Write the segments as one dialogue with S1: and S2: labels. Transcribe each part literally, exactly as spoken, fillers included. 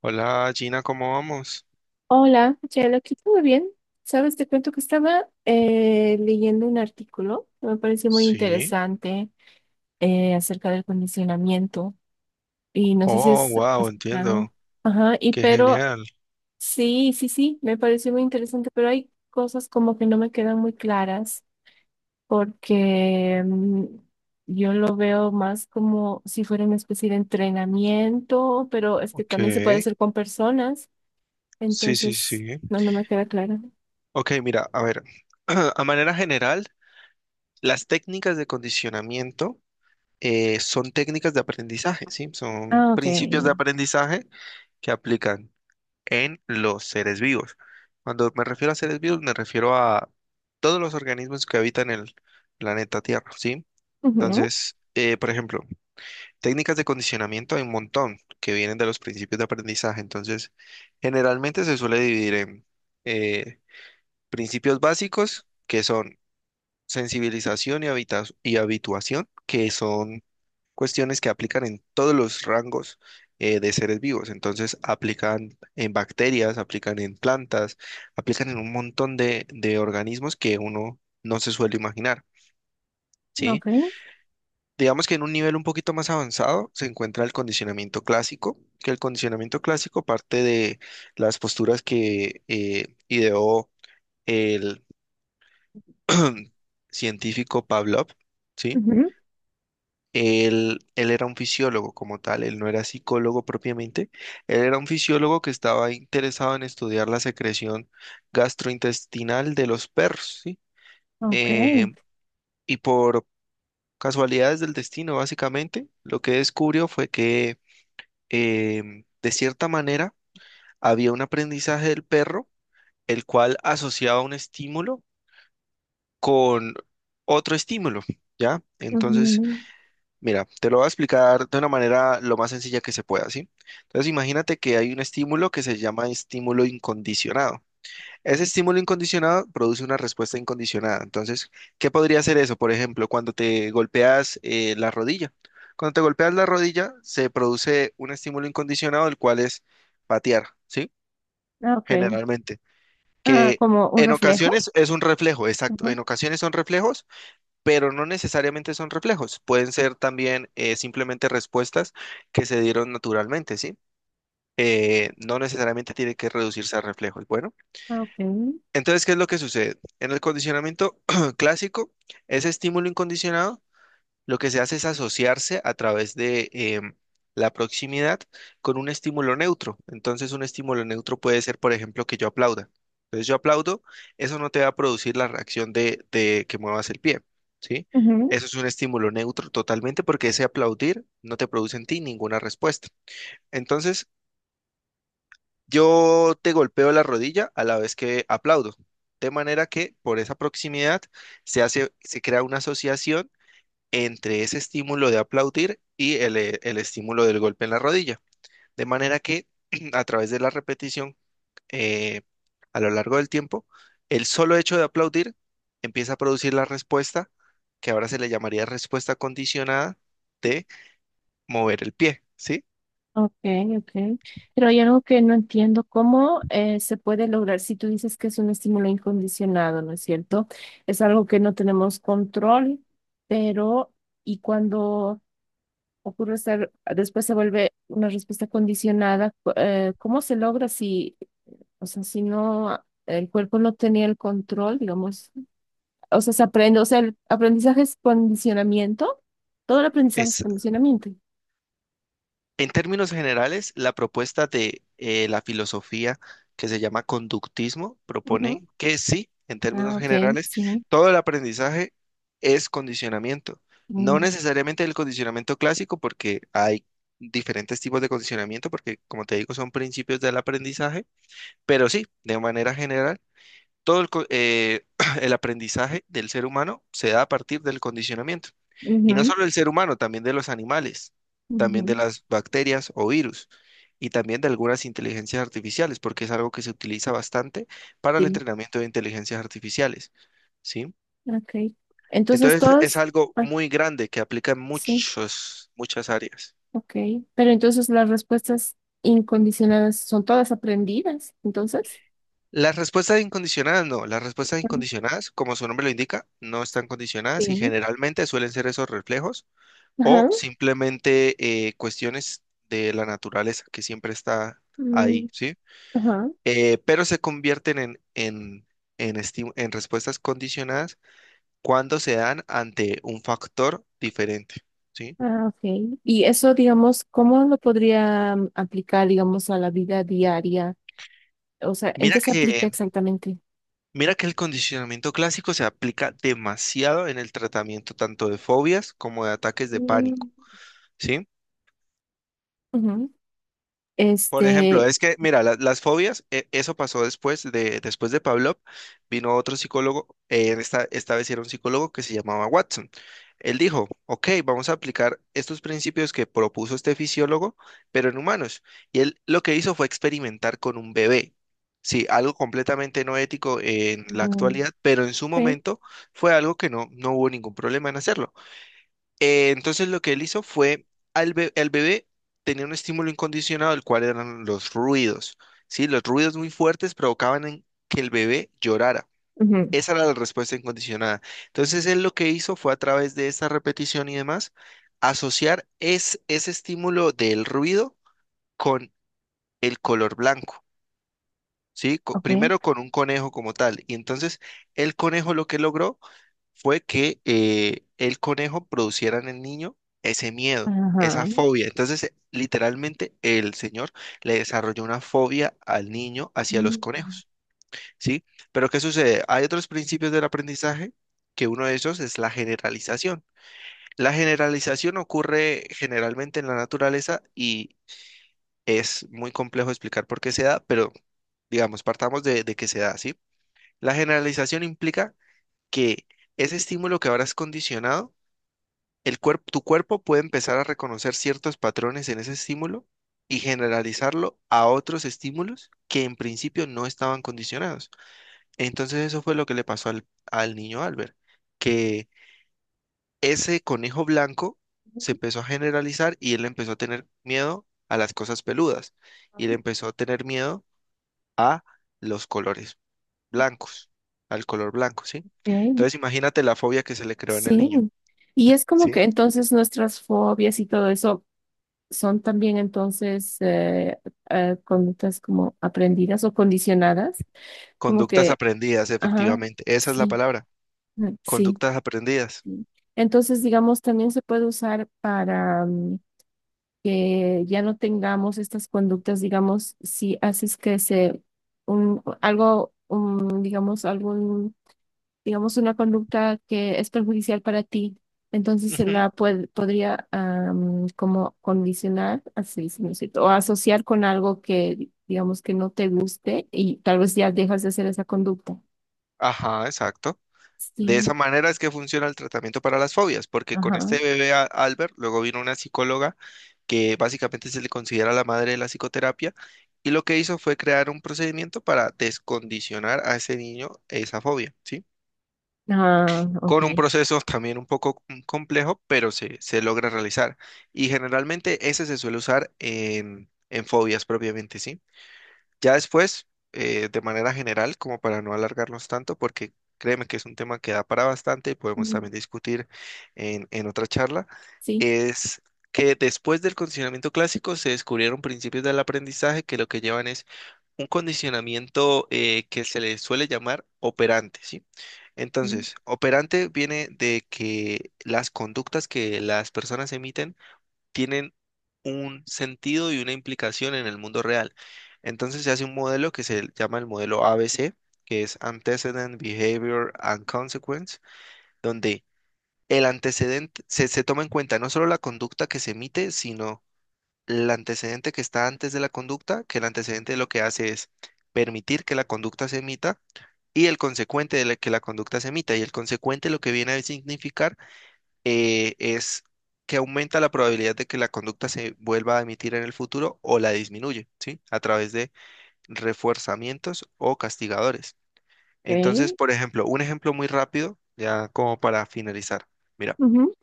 S1: Hola Gina, ¿cómo vamos?
S2: Hola, Chelo, lo quito muy bien. Sabes, te cuento que estaba eh, leyendo un artículo que me pareció muy
S1: Sí.
S2: interesante eh, acerca del condicionamiento y no sé si
S1: Oh,
S2: has
S1: wow,
S2: escuchado.
S1: entiendo.
S2: Ajá, y
S1: Qué
S2: pero
S1: genial.
S2: sí, sí, sí, me pareció muy interesante, pero hay cosas como que no me quedan muy claras porque mm, yo lo veo más como si fuera una especie de entrenamiento, pero es que
S1: Ok.
S2: también se puede hacer con personas.
S1: Sí, sí,
S2: Entonces,
S1: sí.
S2: no, no me queda claro.
S1: Ok, mira, a ver. A manera general, las técnicas de condicionamiento eh, son técnicas de aprendizaje, ¿sí? Son
S2: Ah, ok.
S1: principios de aprendizaje que aplican en los seres vivos. Cuando me refiero a seres vivos, me refiero a todos los organismos que habitan el planeta Tierra, ¿sí?
S2: Ujú.
S1: Entonces, eh, por ejemplo, técnicas de condicionamiento hay un montón que vienen de los principios de aprendizaje. Entonces, generalmente se suele dividir en eh, principios básicos, que son sensibilización y, habita- y habituación, que son cuestiones que aplican en todos los rangos eh, de seres vivos. Entonces, aplican en bacterias, aplican en plantas, aplican en un montón de, de organismos que uno no se suele imaginar, ¿sí?
S2: Ok.
S1: Digamos que en un nivel un poquito más avanzado se encuentra el condicionamiento clásico, que el condicionamiento clásico parte de las posturas que eh, ideó el científico Pavlov, ¿sí?
S2: Ujú.
S1: Él, él era un fisiólogo como tal, él no era psicólogo propiamente, él era un fisiólogo que estaba interesado en estudiar la secreción gastrointestinal de los perros, ¿sí?
S2: Ok.
S1: Eh, y por casualidades del destino, básicamente, lo que descubrió fue que em, de cierta manera, había un aprendizaje del perro, el cual asociaba un estímulo con otro estímulo, ¿ya? Entonces,
S2: Ujú.
S1: mira, te lo voy a explicar de una manera lo más sencilla que se pueda, ¿sí? Entonces, imagínate que hay un estímulo que se llama estímulo incondicionado. Ese estímulo incondicionado produce una respuesta incondicionada. Entonces, ¿qué podría ser eso? Por ejemplo, cuando te golpeas eh, la rodilla. Cuando te golpeas la rodilla, se produce un estímulo incondicionado, el cual es patear, ¿sí?
S2: Ah, ok.
S1: Generalmente.
S2: Ah,
S1: Que
S2: como un
S1: en
S2: reflejo.
S1: ocasiones es un reflejo, exacto.
S2: Ujú,
S1: En ocasiones son reflejos, pero no necesariamente son reflejos. Pueden ser también eh, simplemente respuestas que se dieron naturalmente, ¿sí? Eh, no necesariamente tiene que reducirse a reflejos. Bueno.
S2: ah, ok.
S1: Entonces, ¿qué es lo que sucede? En el condicionamiento clásico, ese estímulo incondicionado, lo que se hace es asociarse a través de em, la proximidad con un estímulo neutro. Entonces, un estímulo neutro puede ser, por ejemplo, que yo aplauda. Entonces, yo aplaudo, eso no te va a producir la reacción de, de que muevas el pie, ¿sí?
S2: Ujú.
S1: Eso es un estímulo neutro totalmente porque ese aplaudir no te produce en ti ninguna respuesta. Entonces, yo te golpeo la rodilla a la vez que aplaudo, de manera que por esa proximidad se hace, se crea una asociación entre ese estímulo de aplaudir y el, eh, el estímulo del golpe en la rodilla, de manera que a través de la repetición eh, a lo largo del tiempo, el solo hecho de aplaudir empieza a producir la respuesta que ahora se le llamaría respuesta condicionada de mover el pie, ¿sí?
S2: Ok, ok. Pero hay algo que no entiendo. ¿Cómo eh, se puede lograr si tú dices que es un estímulo incondicionado, no es cierto? Es algo que no tenemos control, pero y cuando ocurre ser, después se vuelve una respuesta condicionada, cu- eh, ¿cómo se logra si, o sea, si no, el cuerpo no tenía el control, digamos? O sea, se aprende, o sea, el aprendizaje es condicionamiento. Todo el aprendizaje es
S1: Es
S2: condicionamiento.
S1: En términos generales, la propuesta de eh, la filosofía que se llama conductismo
S2: Ujú.
S1: propone que sí, en términos
S2: Ah, ok,
S1: generales,
S2: sí.
S1: todo el aprendizaje es condicionamiento. No
S2: Mm,
S1: necesariamente el condicionamiento clásico, porque hay diferentes tipos de condicionamiento, porque como te digo, son principios del aprendizaje, pero sí, de manera general, todo el, co- eh, el aprendizaje del ser humano se da a partir del condicionamiento. Y no
S2: ujú,
S1: solo del ser humano, también de los animales, también de
S2: ujú.
S1: las bacterias o virus, y también de algunas inteligencias artificiales, porque es algo que se utiliza bastante para el
S2: Sí,
S1: entrenamiento de inteligencias artificiales, ¿sí?
S2: ok. Entonces
S1: Entonces es
S2: todas,
S1: algo
S2: ah,
S1: muy grande que aplica en
S2: sí,
S1: muchos, muchas áreas.
S2: ok. Pero entonces las respuestas incondicionadas son todas aprendidas, entonces.
S1: Las respuestas incondicionadas, no, las respuestas
S2: Ujú.
S1: incondicionadas, como su nombre lo indica, no están condicionadas y
S2: Sí.
S1: generalmente suelen ser esos reflejos o
S2: Ajá.
S1: simplemente eh, cuestiones de la naturaleza que siempre está
S2: Mm.
S1: ahí, ¿sí?
S2: Ajá.
S1: Eh, pero se convierten en, en, en, esti- en respuestas condicionadas cuando se dan ante un factor diferente, ¿sí?
S2: Ah, ok. Y eso, digamos, ¿cómo lo podría mm, aplicar, digamos, a la vida diaria? O sea, ¿en
S1: Mira
S2: qué se aplica
S1: que,
S2: exactamente?
S1: mira que el condicionamiento clásico se aplica demasiado en el tratamiento tanto de fobias como de ataques de
S2: Mm,
S1: pánico, ¿sí?
S2: ujú.
S1: Por ejemplo,
S2: Este,
S1: es que, mira, la- las fobias, e- eso pasó después de, después de Pavlov, vino otro psicólogo, eh, esta, esta vez era un psicólogo que se llamaba Watson. Él dijo, ok, vamos a aplicar estos principios que propuso este fisiólogo, pero en humanos. Y él lo que hizo fue experimentar con un bebé. Sí, algo completamente no ético en la
S2: no
S1: actualidad, pero en su
S2: sé.
S1: momento fue algo que no, no hubo ningún problema en hacerlo. Eh, entonces lo que él hizo fue, al be- el bebé tenía un estímulo incondicionado, el cual eran los ruidos, ¿sí? Los ruidos muy fuertes provocaban en- que el bebé llorara.
S2: Ujú.
S1: Esa era la respuesta incondicionada. Entonces él lo que hizo fue a través de esa repetición y demás, asociar es, ese estímulo del ruido con el color blanco, ¿sí? Co- primero
S2: Ok.
S1: con un conejo como tal. Y entonces el conejo lo que logró fue que eh, el conejo produciera en el niño ese miedo, esa
S2: Ajá.
S1: fobia. Entonces, eh, literalmente, el señor le desarrolló una fobia al niño hacia los
S2: Mm,
S1: conejos, ¿sí? Pero ¿qué sucede? Hay otros principios del aprendizaje que uno de esos es la generalización. La generalización ocurre generalmente en la naturaleza y es muy complejo explicar por qué se da, pero digamos, partamos de, de que se da, ¿sí? La generalización implica que ese estímulo que ahora es condicionado el cuerp- tu cuerpo puede empezar a reconocer ciertos patrones en ese estímulo y generalizarlo a otros estímulos que en principio no estaban condicionados. Entonces eso fue lo que le pasó al, al niño Albert, que ese conejo blanco se empezó a generalizar y él empezó a tener miedo a las cosas peludas y
S2: ok.
S1: él empezó a tener miedo a los colores blancos, al color blanco, ¿sí? Entonces imagínate la fobia que se le creó en el
S2: Sí.
S1: niño,
S2: Y es como
S1: ¿sí?
S2: que entonces nuestras fobias y todo eso son también entonces eh, eh, conductas como aprendidas o condicionadas, como
S1: Conductas
S2: que,
S1: aprendidas,
S2: ajá,
S1: efectivamente. Esa es la
S2: sí,
S1: palabra.
S2: mm, sí.
S1: Conductas aprendidas.
S2: Sí. Entonces, digamos, también se puede usar para mm, que ya no tengamos estas conductas, digamos, si haces que se, un, algo, un, digamos, algún, digamos, una conducta que es perjudicial para ti, entonces se
S1: Ujú.
S2: la puede, podría am, como condicionar, así se me siento, o asociar con algo que, digamos, que no te guste y tal vez ya dejas de hacer esa conducta.
S1: Ajá, exacto. De
S2: Sí,
S1: esa manera es que funciona el tratamiento para las fobias, porque con
S2: ajá.
S1: este bebé a- Albert, luego vino una psicóloga que básicamente se le considera la madre de la psicoterapia, y lo que hizo fue crear un procedimiento para descondicionar a ese niño esa fobia, ¿sí?
S2: Ah,
S1: Con un
S2: ok.
S1: proceso también un poco com- complejo, pero se, se logra realizar. Y generalmente ese se suele usar en, en fobias propiamente, ¿sí? Ya después, eh, de manera general, como para no alargarnos tanto, porque créeme que es un tema que da para bastante y podemos
S2: Mm.
S1: también discutir en, en otra charla,
S2: Sí.
S1: es que después del condicionamiento clásico se descubrieron principios del aprendizaje que lo que llevan es un condicionamiento eh, que se le suele llamar operante, ¿sí?
S2: Mm.
S1: Entonces, operante viene de que las conductas que las personas emiten tienen un sentido y una implicación en el mundo real. Entonces se hace un modelo que se llama el modelo A B C, que es Antecedent, Behavior and Consequence, donde el antecedente se, se toma en cuenta no solo la conducta que se emite, sino el antecedente que está antes de la conducta, que el antecedente lo que hace es permitir que la conducta se emita y el consecuente de la- que la conducta se emita. Y el consecuente lo que viene a significar eh, es que aumenta la probabilidad de que la conducta se vuelva a emitir en el futuro o la disminuye, ¿sí? A través de refuerzamientos o castigadores. Entonces,
S2: Okay.
S1: por ejemplo, un ejemplo muy rápido, ya como para finalizar. Mira,
S2: Ujú,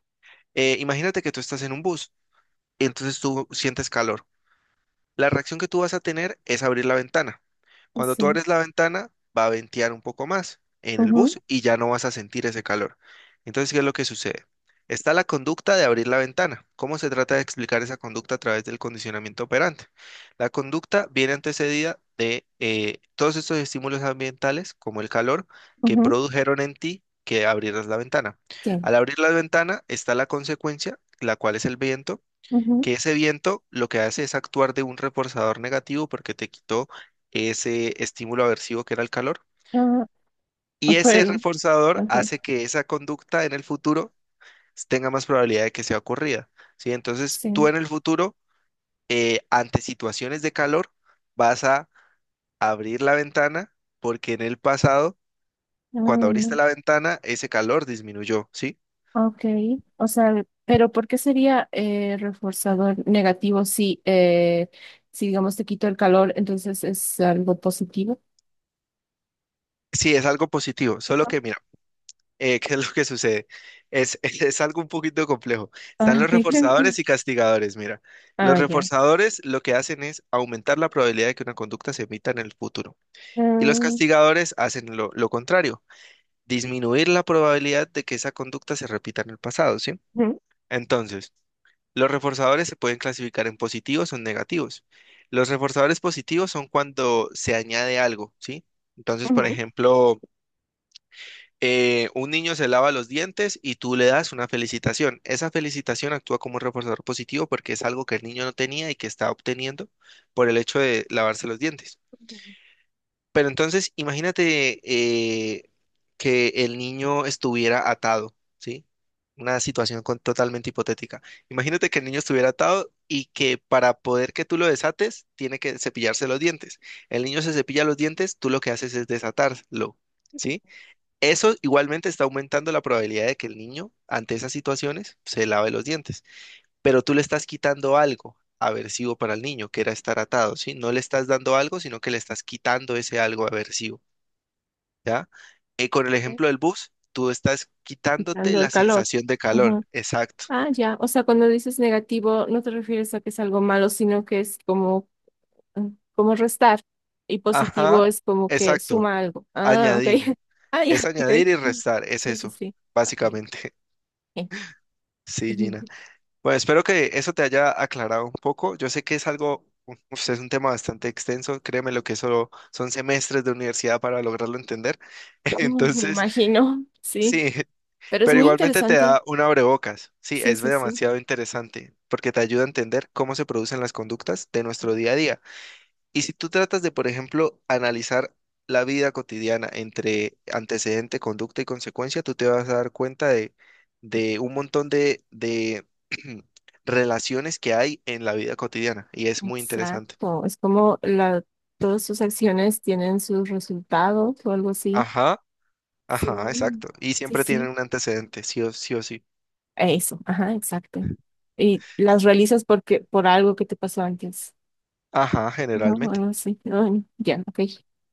S1: eh, imagínate que tú estás en un bus, entonces tú sientes calor. La reacción que tú vas a tener es abrir la ventana.
S2: pues
S1: Cuando tú
S2: sí.
S1: abres la ventana, va a ventear un poco más en el
S2: Ujú,
S1: bus y ya no vas a sentir ese calor. Entonces, ¿qué es lo que sucede? Está la conducta de abrir la ventana. ¿Cómo se trata de explicar esa conducta a través del condicionamiento operante? La conducta viene antecedida de eh, todos estos estímulos ambientales, como el calor, que
S2: ujú.
S1: produjeron en ti que abrieras la ventana.
S2: Sí.
S1: Al abrir la ventana está la consecuencia, la cual es el viento
S2: Ujú,
S1: que ese viento lo que hace es actuar de un reforzador negativo porque te quitó ese estímulo aversivo que era el calor.
S2: ah,
S1: Y ese
S2: pero,
S1: reforzador
S2: okay,
S1: hace que esa conducta en el futuro tenga más probabilidad de que sea ocurrida, ¿sí? Entonces, tú
S2: sí.
S1: en el futuro, eh, ante situaciones de calor, vas a abrir la ventana porque en el pasado, cuando abriste la ventana, ese calor disminuyó, ¿sí?
S2: Ah, ok. O sea, ¿pero por qué sería eh, reforzador negativo si, eh, si, digamos, te quito el calor, entonces es algo positivo?
S1: Sí, es algo positivo, solo
S2: Ujú.
S1: que eh, ¿qué es lo que sucede? Es, es algo un poquito complejo. Están
S2: Ah,
S1: los
S2: ok.
S1: reforzadores y castigadores. Mira, los
S2: Ah, ya.
S1: reforzadores lo que hacen es aumentar la probabilidad de que una conducta se emita en el futuro. Y los
S2: Ah,
S1: castigadores hacen lo, lo contrario, disminuir la probabilidad de que esa conducta se repita en el pasado, ¿sí?
S2: ujú,
S1: Entonces, los reforzadores se pueden clasificar en positivos o en negativos. Los reforzadores positivos son cuando se añade algo, ¿sí? Entonces, por
S2: ujú,
S1: ejemplo eh, un niño se lava los dientes y tú le das una felicitación. Esa felicitación actúa como un reforzador positivo porque es algo que el niño no tenía y que está obteniendo por el hecho de lavarse los dientes.
S2: ujú,
S1: Pero entonces, imagínate eh, que el niño estuviera atado, ¿sí? Una situación con- totalmente hipotética. Imagínate que el niño estuviera atado y que para poder que tú lo desates, tiene que cepillarse los dientes. El niño se cepilla los dientes, tú lo que haces es desatarlo, ¿sí? Eso igualmente está aumentando la probabilidad de que el niño, ante esas situaciones, se lave los dientes. Pero tú le estás quitando algo aversivo para el niño, que era estar atado, ¿sí? No le estás dando algo, sino que le estás quitando ese algo aversivo, ¿ya? Eh, con el
S2: ok.
S1: ejemplo del bus, tú estás quitándote
S2: Quitando
S1: la
S2: el calor.
S1: sensación de calor.
S2: Ujú.
S1: Exacto.
S2: Ah, ya. O sea, cuando dices negativo, no te refieres a que es algo malo, sino que es como mm, como restar, y positivo
S1: Ajá,
S2: es como que
S1: exacto.
S2: suma algo. Ah, ok.
S1: Añadir.
S2: Ah,
S1: Es
S2: ya, ok.
S1: añadir y restar. Es
S2: Sí, sí,
S1: eso,
S2: sí. Ay,
S1: básicamente.
S2: ok.
S1: Sí, Gina. Bueno, espero que eso te haya aclarado un poco. Yo sé que es algo, uf, es un tema bastante extenso. Créeme lo que eso son semestres de universidad para lograrlo entender.
S2: Uh, me
S1: Entonces,
S2: imagino, sí.
S1: sí,
S2: Pero es
S1: pero
S2: muy
S1: igualmente te
S2: interesante.
S1: da un abrebocas. Sí,
S2: Sí,
S1: es
S2: sí, sí.
S1: demasiado interesante porque te ayuda a entender cómo se producen las conductas de nuestro día a día. Y si tú tratas de, por ejemplo, analizar la vida cotidiana entre antecedente, conducta y consecuencia, tú te vas a dar cuenta de, de un montón de, de relaciones que hay en la vida cotidiana y es muy interesante.
S2: Exacto. Es como la, todas sus acciones tienen sus resultados o algo así.
S1: Ajá, ajá,
S2: Sí,
S1: exacto. Y
S2: sí,
S1: siempre tienen
S2: sí.
S1: un antecedente, sí o sí. O sí.
S2: Eso, ajá, exacto. Y las realizas porque, por algo que te pasó antes.
S1: Ajá,
S2: No,
S1: generalmente.
S2: no sé. Ay, ya, ok.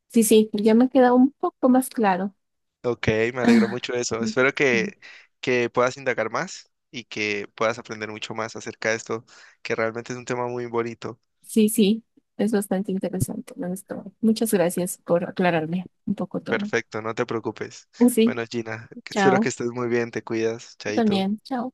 S2: Sí, sí, ya me queda un poco más claro.
S1: Ok, me alegro
S2: Ah,
S1: mucho de eso. Espero que, que puedas indagar más y que puedas aprender mucho más acerca de esto, que realmente es un tema muy bonito.
S2: sí, sí, es bastante interesante, la historia. Muchas gracias por aclararme un poco todo.
S1: Perfecto, no te preocupes.
S2: Sí,
S1: Bueno, Gina, espero que
S2: chao.
S1: estés muy bien, te cuidas,
S2: Tú
S1: chaito.
S2: también, chao.